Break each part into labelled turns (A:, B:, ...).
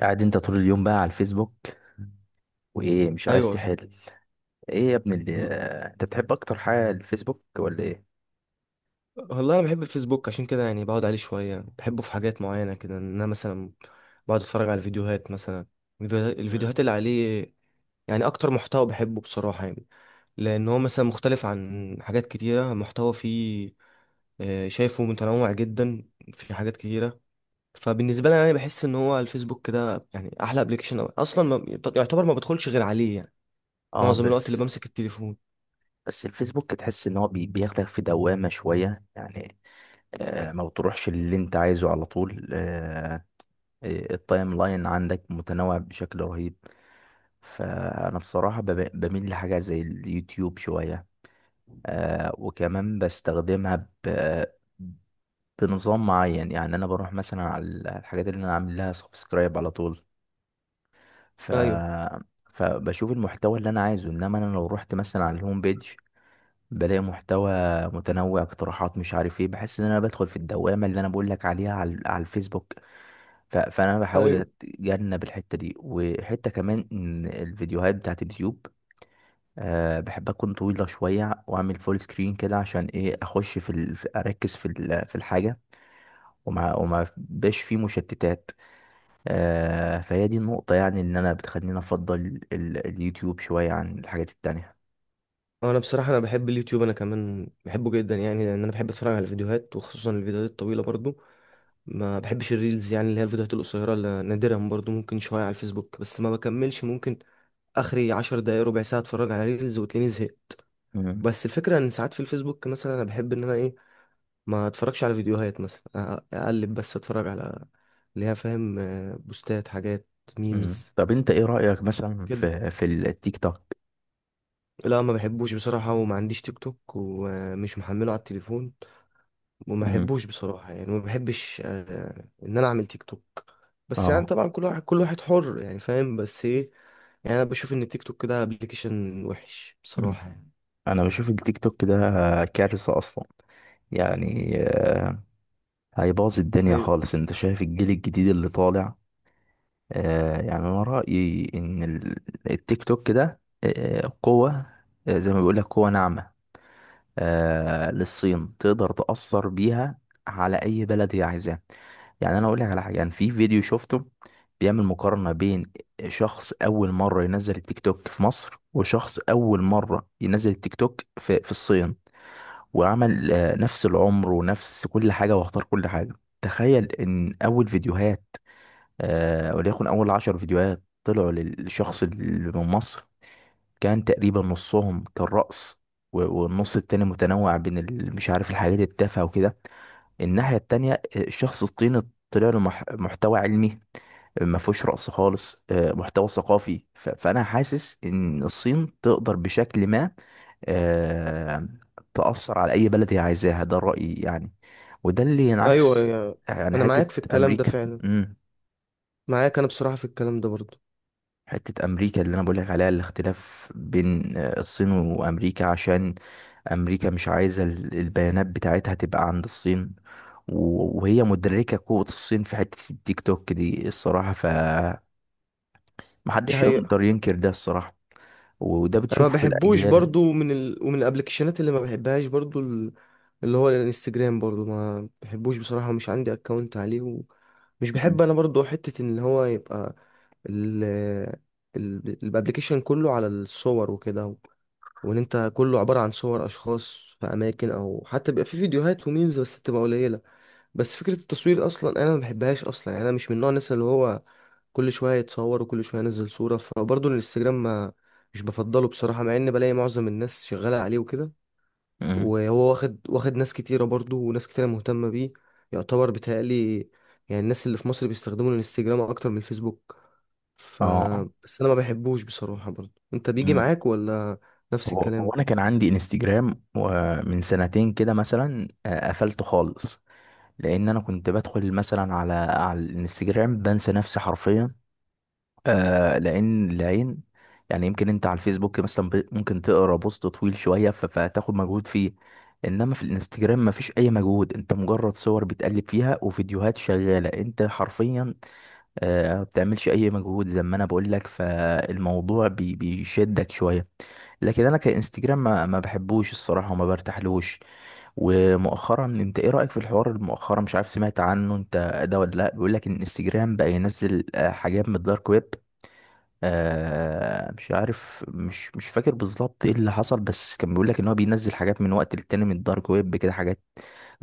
A: قاعد انت طول اليوم بقى على الفيسبوك وايه مش عايز
B: ايوه.
A: تحل؟ ايه يا ابني اللي؟
B: وال-
A: انت بتحب اكتر حاجه الفيسبوك ولا ايه؟
B: والله انا بحب الفيسبوك عشان كده، يعني بقعد عليه شويه، يعني بحبه في حاجات معينه كده، ان انا مثلا بقعد اتفرج على فيديوهات مثلا.
A: مم.
B: الفيديوهات اللي عليه يعني اكتر محتوى بحبه بصراحه يعني، لان هو مثلا مختلف عن حاجات كتيره محتوى فيه. شايفه متنوع جدا، في حاجات كتيره. فبالنسبه لي انا بحس ان هو الفيسبوك ده يعني احلى ابلكيشن اصلا، ما يعتبر ما بدخلش غير عليه يعني
A: اه،
B: معظم الوقت اللي
A: بس
B: بمسك التليفون.
A: بس الفيسبوك تحس ان هو بياخدك في دوامه شويه يعني. آه، ما بتروحش اللي انت عايزه على طول. آه، التايم لاين عندك متنوع بشكل رهيب. فانا بصراحه بميل لحاجه زي اليوتيوب شويه. آه، وكمان بستخدمها بنظام معين، يعني انا بروح مثلا على الحاجات اللي انا عامل لها سبسكرايب على طول، ف
B: ايوه
A: فبشوف المحتوى اللي انا عايزه، انما انا لو رحت مثلا على الهوم بيج بلاقي محتوى متنوع، اقتراحات، مش عارف ايه، بحس ان انا بدخل في الدوامه اللي انا بقول لك عليها على الفيسبوك. فانا بحاول
B: ايوه،
A: اتجنب الحته دي، وحته كمان ان الفيديوهات بتاعت اليوتيوب أه بحب اكون طويله شويه، واعمل فول سكرين كده عشان ايه، اخش اركز في الحاجه، وما بقاش فيه مشتتات. آه، فهي دي النقطة، يعني إن أنا بتخليني أفضل اليوتيوب شوية عن الحاجات التانية.
B: انا بصراحه انا بحب اليوتيوب، انا كمان بحبه جدا يعني، لان انا بحب اتفرج على الفيديوهات، وخصوصا الفيديوهات الطويله برضو. ما بحبش الريلز، يعني اللي هي الفيديوهات القصيره، اللي نادرا برضو ممكن شويه على الفيسبوك بس ما بكملش. ممكن اخري 10 دقايق، ربع ساعه اتفرج على ريلز وتلاقيني زهقت.
A: مم.
B: بس الفكره ان ساعات في الفيسبوك مثلا انا بحب ان انا ايه ما اتفرجش على فيديوهات، مثلا اقلب بس اتفرج على اللي هي، فاهم، بوستات، حاجات،
A: مم.
B: ميمز
A: طب أنت إيه رأيك مثلا
B: كده.
A: في التيك توك؟
B: لا، ما بحبوش بصراحه، وما عنديش تيك توك ومش محمله على التليفون، وما
A: مم.
B: بحبوش بصراحة يعني، ما بحبش ان انا اعمل تيك توك. بس يعني
A: اه.
B: طبعا كل واحد كل واحد حر يعني، فاهم، بس ايه، يعني انا بشوف ان التيك توك ده ابلكيشن وحش
A: مم.
B: بصراحة يعني.
A: أنا بشوف التيك توك ده كارثة أصلا، يعني آه، هيبوظ الدنيا
B: ايوه
A: خالص. أنت شايف الجيل الجديد اللي طالع؟ آه، يعني أنا رأيي إن التيك توك ده آه قوة، آه، زي ما بيقول لك قوة ناعمة، آه، للصين، تقدر تأثر بيها على أي بلد هي عايزاه. يعني أنا أقول لك على حاجة، يعني في فيديو شفته بيعمل مقارنة بين شخص أول مرة ينزل التيك توك في مصر، وشخص أول مرة ينزل التيك توك في الصين، وعمل آه نفس العمر ونفس كل حاجة واختار كل حاجة. تخيل إن أول فيديوهات، آه، وليكن أول 10 فيديوهات طلعوا للشخص اللي من مصر كان تقريبا نصهم كان رقص، والنص التاني متنوع بين مش عارف الحاجات التافهة وكده. الناحية التانية الشخص الصيني طلع له محتوى علمي، ما فيهوش رقص خالص، آه، محتوى ثقافي، فانا حاسس ان الصين تقدر بشكل ما، آه، تأثر على اي بلد هي عايزاها، ده رأيي يعني. وده اللي
B: ايوه،
A: ينعكس،
B: يعني
A: يعني
B: انا
A: حتة
B: معاك في الكلام ده
A: امريكا.
B: فعلا،
A: امم
B: معاك انا بصراحة في الكلام ده برضو.
A: حتة امريكا اللي انا بقول لك عليها، الاختلاف بين آه، الصين وامريكا، عشان امريكا مش عايزه البيانات بتاعتها تبقى عند الصين، وهي مدركه قوه الصين في حته التيك توك دي الصراحه،
B: دي
A: محدش
B: حقيقة.
A: يقدر ينكر ده الصراحه، وده
B: انا ما
A: بتشوفه في
B: بحبوش
A: الاجيال.
B: برضو من ومن الابلكيشنات اللي ما بحبهاش برضو اللي هو الانستجرام برضو ما بحبوش بصراحة، ومش عندي اكونت عليه، ومش بحب
A: مم.
B: انا برضو حتة ان هو يبقى الابلكيشن كله على الصور وكده، وان انت كله عبارة عن صور اشخاص في اماكن، او حتى بيبقى في فيديوهات وميمز بس بتبقى قليلة. بس فكرة التصوير اصلا انا ما بحبهاش اصلا يعني، انا مش من نوع الناس اللي هو كل شوية يتصور وكل شوية ينزل صورة. فبرضه الانستجرام، ما، مش بفضله بصراحة، مع ان بلاقي معظم الناس شغالة عليه وكده.
A: مم.
B: وهو واخد ناس كتيرة برضه، وناس كتيرة مهتمة بيه، يعتبر بيتهيألي يعني الناس اللي في مصر بيستخدموا الانستجرام اكتر من الفيسبوك. ف،
A: اه.
B: بس انا ما بحبوش بصراحة برضه. انت بيجي
A: مم.
B: معاك ولا نفس
A: هو
B: الكلام؟
A: انا كان عندي انستجرام، ومن سنتين كده مثلا، آه، قفلته خالص، لان انا كنت بدخل مثلا على الانستجرام، بنسى نفسي حرفيا، آه، لان العين، يعني يمكن انت على الفيسبوك مثلا ممكن تقرا بوست طويل شويه، فتاخد مجهود فيه، انما في الانستجرام مفيش اي مجهود، انت مجرد صور بتقلب فيها وفيديوهات شغاله، انت حرفيا آه ما بتعملش اي مجهود، زي ما انا بقول لك، فالموضوع بيشدك شويه. لكن انا كانستجرام ما بحبوش الصراحه وما برتاحلوش. ومؤخرا انت ايه رايك في الحوار المؤخرا، مش عارف سمعت عنه انت ده ولا لا، بيقول لك ان انستجرام بقى ينزل آه، حاجات من الدارك ويب. آه، مش عارف، مش فاكر بالظبط ايه اللي حصل، بس كان بيقول لك ان هو بينزل حاجات من وقت للتاني من الدارك ويب كده، حاجات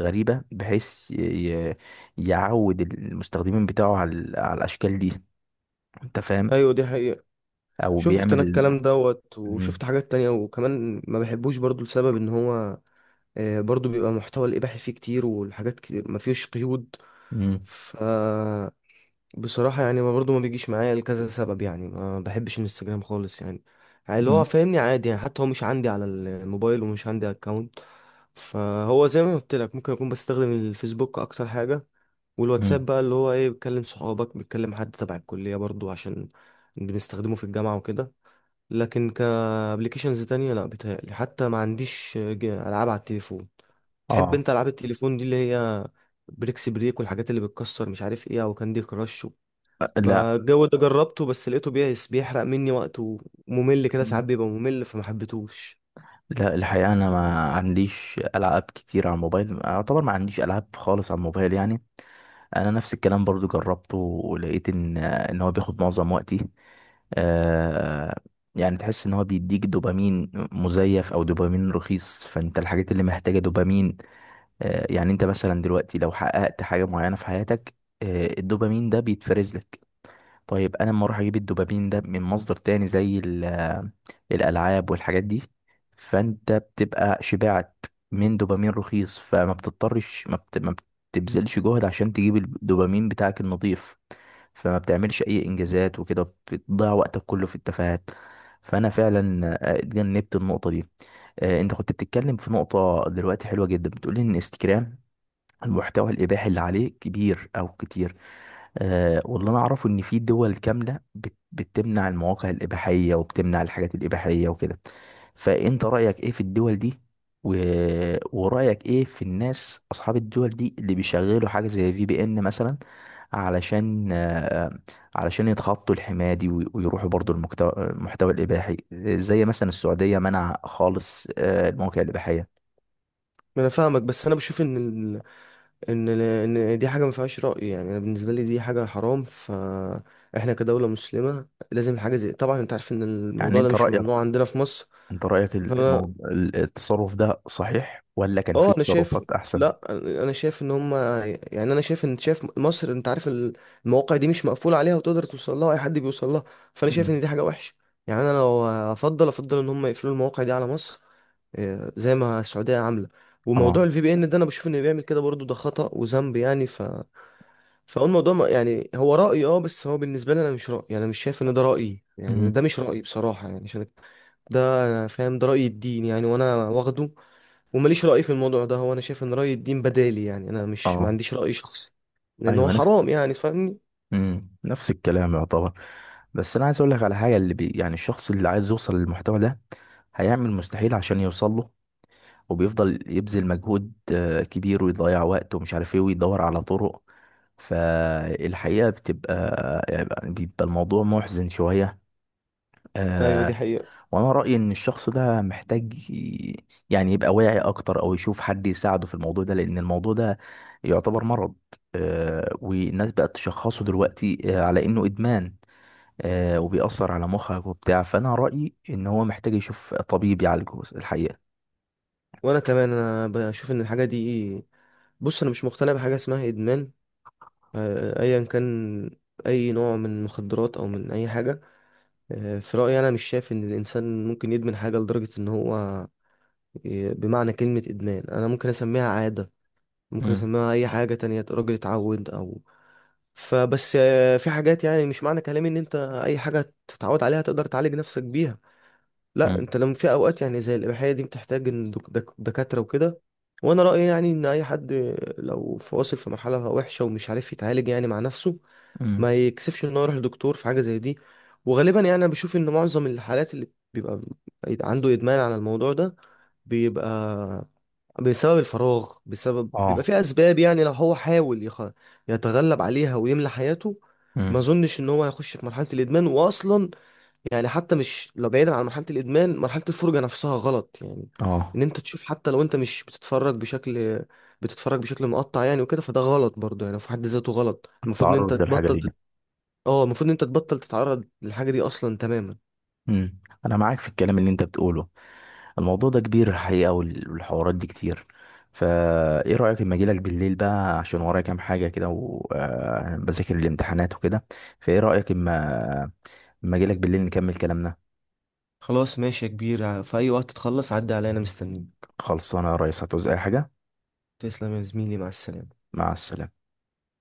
A: غريبة، بحيث ي- يعود المستخدمين بتاعه على الاشكال دي. انت فاهم؟
B: ايوه دي حقيقة.
A: او
B: شفت انا
A: بيعمل.
B: الكلام دوت
A: مم.
B: وشفت حاجات تانية، وكمان ما بحبوش برضه لسبب ان هو، برضه بيبقى محتوى الاباحي فيه كتير، والحاجات كتير ما فيهوش قيود.
A: مم.
B: ف، بصراحة يعني ما برضو ما بيجيش معايا لكذا سبب، يعني ما بحبش الانستجرام خالص يعني، يعني اللي هو
A: مم.
B: فاهمني عادي يعني، حتى هو مش عندي على الموبايل ومش عندي اكونت. فهو زي ما قلت لك ممكن اكون بستخدم الفيسبوك اكتر حاجة،
A: مم.
B: والواتساب بقى اللي هو ايه، بتكلم صحابك، بتكلم حد تبع الكلية برضو، عشان بنستخدمه في الجامعة وكده. لكن كابليكيشنز تانية لا، بيتهيألي حتى ما عنديش ألعاب على التليفون. تحب
A: اه.
B: انت ألعاب التليفون دي اللي هي بريكس بريك، والحاجات اللي بتكسر مش عارف ايه، او كاندي كراش بقى؟
A: لا.
B: الجو ده جربته بس لقيته بيس بيحرق مني وقت، وممل كده ساعات بيبقى ممل فما حبيتهوش.
A: لا، الحقيقة أنا ما عنديش ألعاب كتير على الموبايل، أعتبر ما عنديش ألعاب خالص على الموبايل يعني. انا نفس الكلام برضو جربته ولقيت ان هو بياخد معظم وقتي، آه، يعني تحس ان هو بيديك دوبامين مزيف او دوبامين رخيص، فانت الحاجات اللي محتاجة دوبامين، آه، يعني انت مثلا دلوقتي لو حققت حاجة معينة في حياتك آه الدوبامين ده بيتفرز لك. طيب انا لما اروح اجيب الدوبامين ده من مصدر تاني زي الالعاب والحاجات دي، فانت بتبقى شبعت من دوبامين رخيص، فما بتضطرش ما, بت... ما بتبذلش جهد عشان تجيب الدوبامين بتاعك النظيف، فما بتعملش اي انجازات وكده، بتضيع وقتك كله في التفاهات. فانا فعلا آه، اتجنبت النقطه دي. آه، انت كنت بتتكلم في نقطه دلوقتي حلوه جدا، بتقولي ان انستجرام المحتوى الإباحي اللي عليه كبير أو كتير. أه، واللي أنا أعرفه إن في دول كاملة بتمنع المواقع الإباحية وبتمنع الحاجات الإباحية وكده، فأنت رأيك إيه في الدول دي، و... ورأيك إيه في الناس أصحاب الدول دي اللي بيشغلوا حاجة زي VPN مثلا، علشان آه، علشان يتخطوا الحماية دي، ويروحوا برضو المحتوى الإباحي، زي مثلا السعودية منع خالص آه، المواقع الإباحية.
B: ما انا فاهمك، بس انا بشوف ان ال... دي حاجه ما فيهاش راي، يعني انا بالنسبه لي دي حاجه حرام، فاحنا كدوله مسلمه لازم حاجه زي، طبعا انت عارف ان
A: يعني
B: الموضوع ده
A: أنت
B: مش
A: رأيك،
B: ممنوع عندنا في مصر.
A: انت رأيك
B: فانا،
A: الموضوع التصرف ده صحيح ولا كان في
B: اه انا شايف،
A: تصرفات احسن؟
B: لا، انا شايف ان هم، يعني انا شايف ان، شايف مصر انت عارف المواقع دي مش مقفوله عليها، وتقدر توصل لها، اي حد بيوصل لها. فانا شايف
A: مم.
B: ان دي حاجه وحشه. يعني انا لو افضل، افضل ان هم يقفلوا المواقع دي على مصر، زي ما السعوديه عامله.
A: اه.
B: وموضوع الفي بي ان ده انا بشوف انه بيعمل كده برضو ده خطأ وذنب يعني. ف، فهو الموضوع يعني هو رأيي، اه، بس هو بالنسبه لي انا مش رأيي يعني، مش شايف ان ده رأيي يعني،
A: مم.
B: ده مش رأيي بصراحه يعني، عشان ده، انا فاهم ده رأي الدين يعني، وانا واخده، ومليش رأي في الموضوع ده، هو انا شايف ان رأي الدين بدالي يعني، انا مش، ما
A: اه،
B: عنديش رأي شخصي، لان هو
A: ايوه،
B: حرام
A: نفس.
B: يعني فاهمني.
A: مم. نفس الكلام يعتبر. بس انا عايز اقول لك على حاجه، اللي يعني الشخص اللي عايز يوصل للمحتوى ده هيعمل مستحيل عشان يوصل له، وبيفضل يبذل مجهود آه، كبير، ويضيع وقت ومش عارف ايه، ويدور على طرق، فالحقيقه بتبقى، يعني بيبقى الموضوع محزن شويه،
B: ايوه
A: آه،
B: دي حقيقة.
A: وانا رأيي ان الشخص ده محتاج يعني يبقى واعي اكتر، او يشوف حد يساعده في الموضوع ده، لان الموضوع ده يعتبر مرض، آه، والناس بقت تشخصه دلوقتي آه، على انه ادمان، آه، وبيأثر على مخك وبتاع، فانا رأيي ان هو محتاج يشوف طبيب يعالجه الحقيقة.
B: وانا كمان انا بشوف ان الحاجة دي، بص انا مش مقتنع بحاجة اسمها ادمان، ايا كان اي نوع من المخدرات او من اي حاجة. في رأيي انا مش شايف ان الانسان ممكن يدمن حاجة لدرجة ان هو بمعنى كلمة ادمان انا ممكن اسميها عادة، ممكن
A: مم.
B: اسميها اي حاجة تانية، راجل اتعود او. فبس في حاجات يعني، مش معنى كلامي ان انت اي حاجه تتعود عليها تقدر تعالج نفسك بيها. لا،
A: مم.
B: انت لما، في اوقات يعني زي الاباحيه دي بتحتاج ان دكاتره وكده. وانا رايي يعني ان اي حد لو واصل في مرحله وحشه ومش عارف يتعالج يعني مع نفسه،
A: مم.
B: ما يكسفش انه يروح لدكتور في حاجه زي دي. وغالبا يعني انا بشوف ان معظم الحالات اللي بيبقى عنده ادمان على الموضوع ده، بيبقى بسبب الفراغ، بسبب بيبقى
A: اه.
B: في اسباب يعني، لو هو حاول يتغلب عليها ويملى حياته، ما
A: مم.
B: اظنش ان هو هيخش في مرحله الادمان واصلا. يعني حتى مش لو بعيدا عن مرحله الادمان، مرحله الفرجه نفسها غلط يعني،
A: اه،
B: ان انت تشوف حتى لو انت مش بتتفرج بشكل، بتتفرج بشكل مقطع يعني وكده، فده غلط برضه يعني في حد ذاته غلط. المفروض ان انت
A: التعرض للحاجة
B: تبطل
A: دي.
B: اه المفروض ان انت تبطل تتعرض للحاجه دي اصلا تماما.
A: امم انا معاك في الكلام اللي انت بتقوله. الموضوع ده كبير الحقيقه، والحوارات دي كتير، فا ايه رايك اما اجيلك بالليل بقى، عشان ورايا كام حاجه كده، وبذاكر الامتحانات وكده، فايه رايك اما اجيلك بالليل نكمل كلامنا.
B: خلاص ماشي يا كبير، في اي وقت تخلص عدي عليا انا مستنيك.
A: خلصانه يا ريس، هتعوز اي حاجه؟
B: تسلم يا زميلي، مع السلامه.
A: مع السلامه.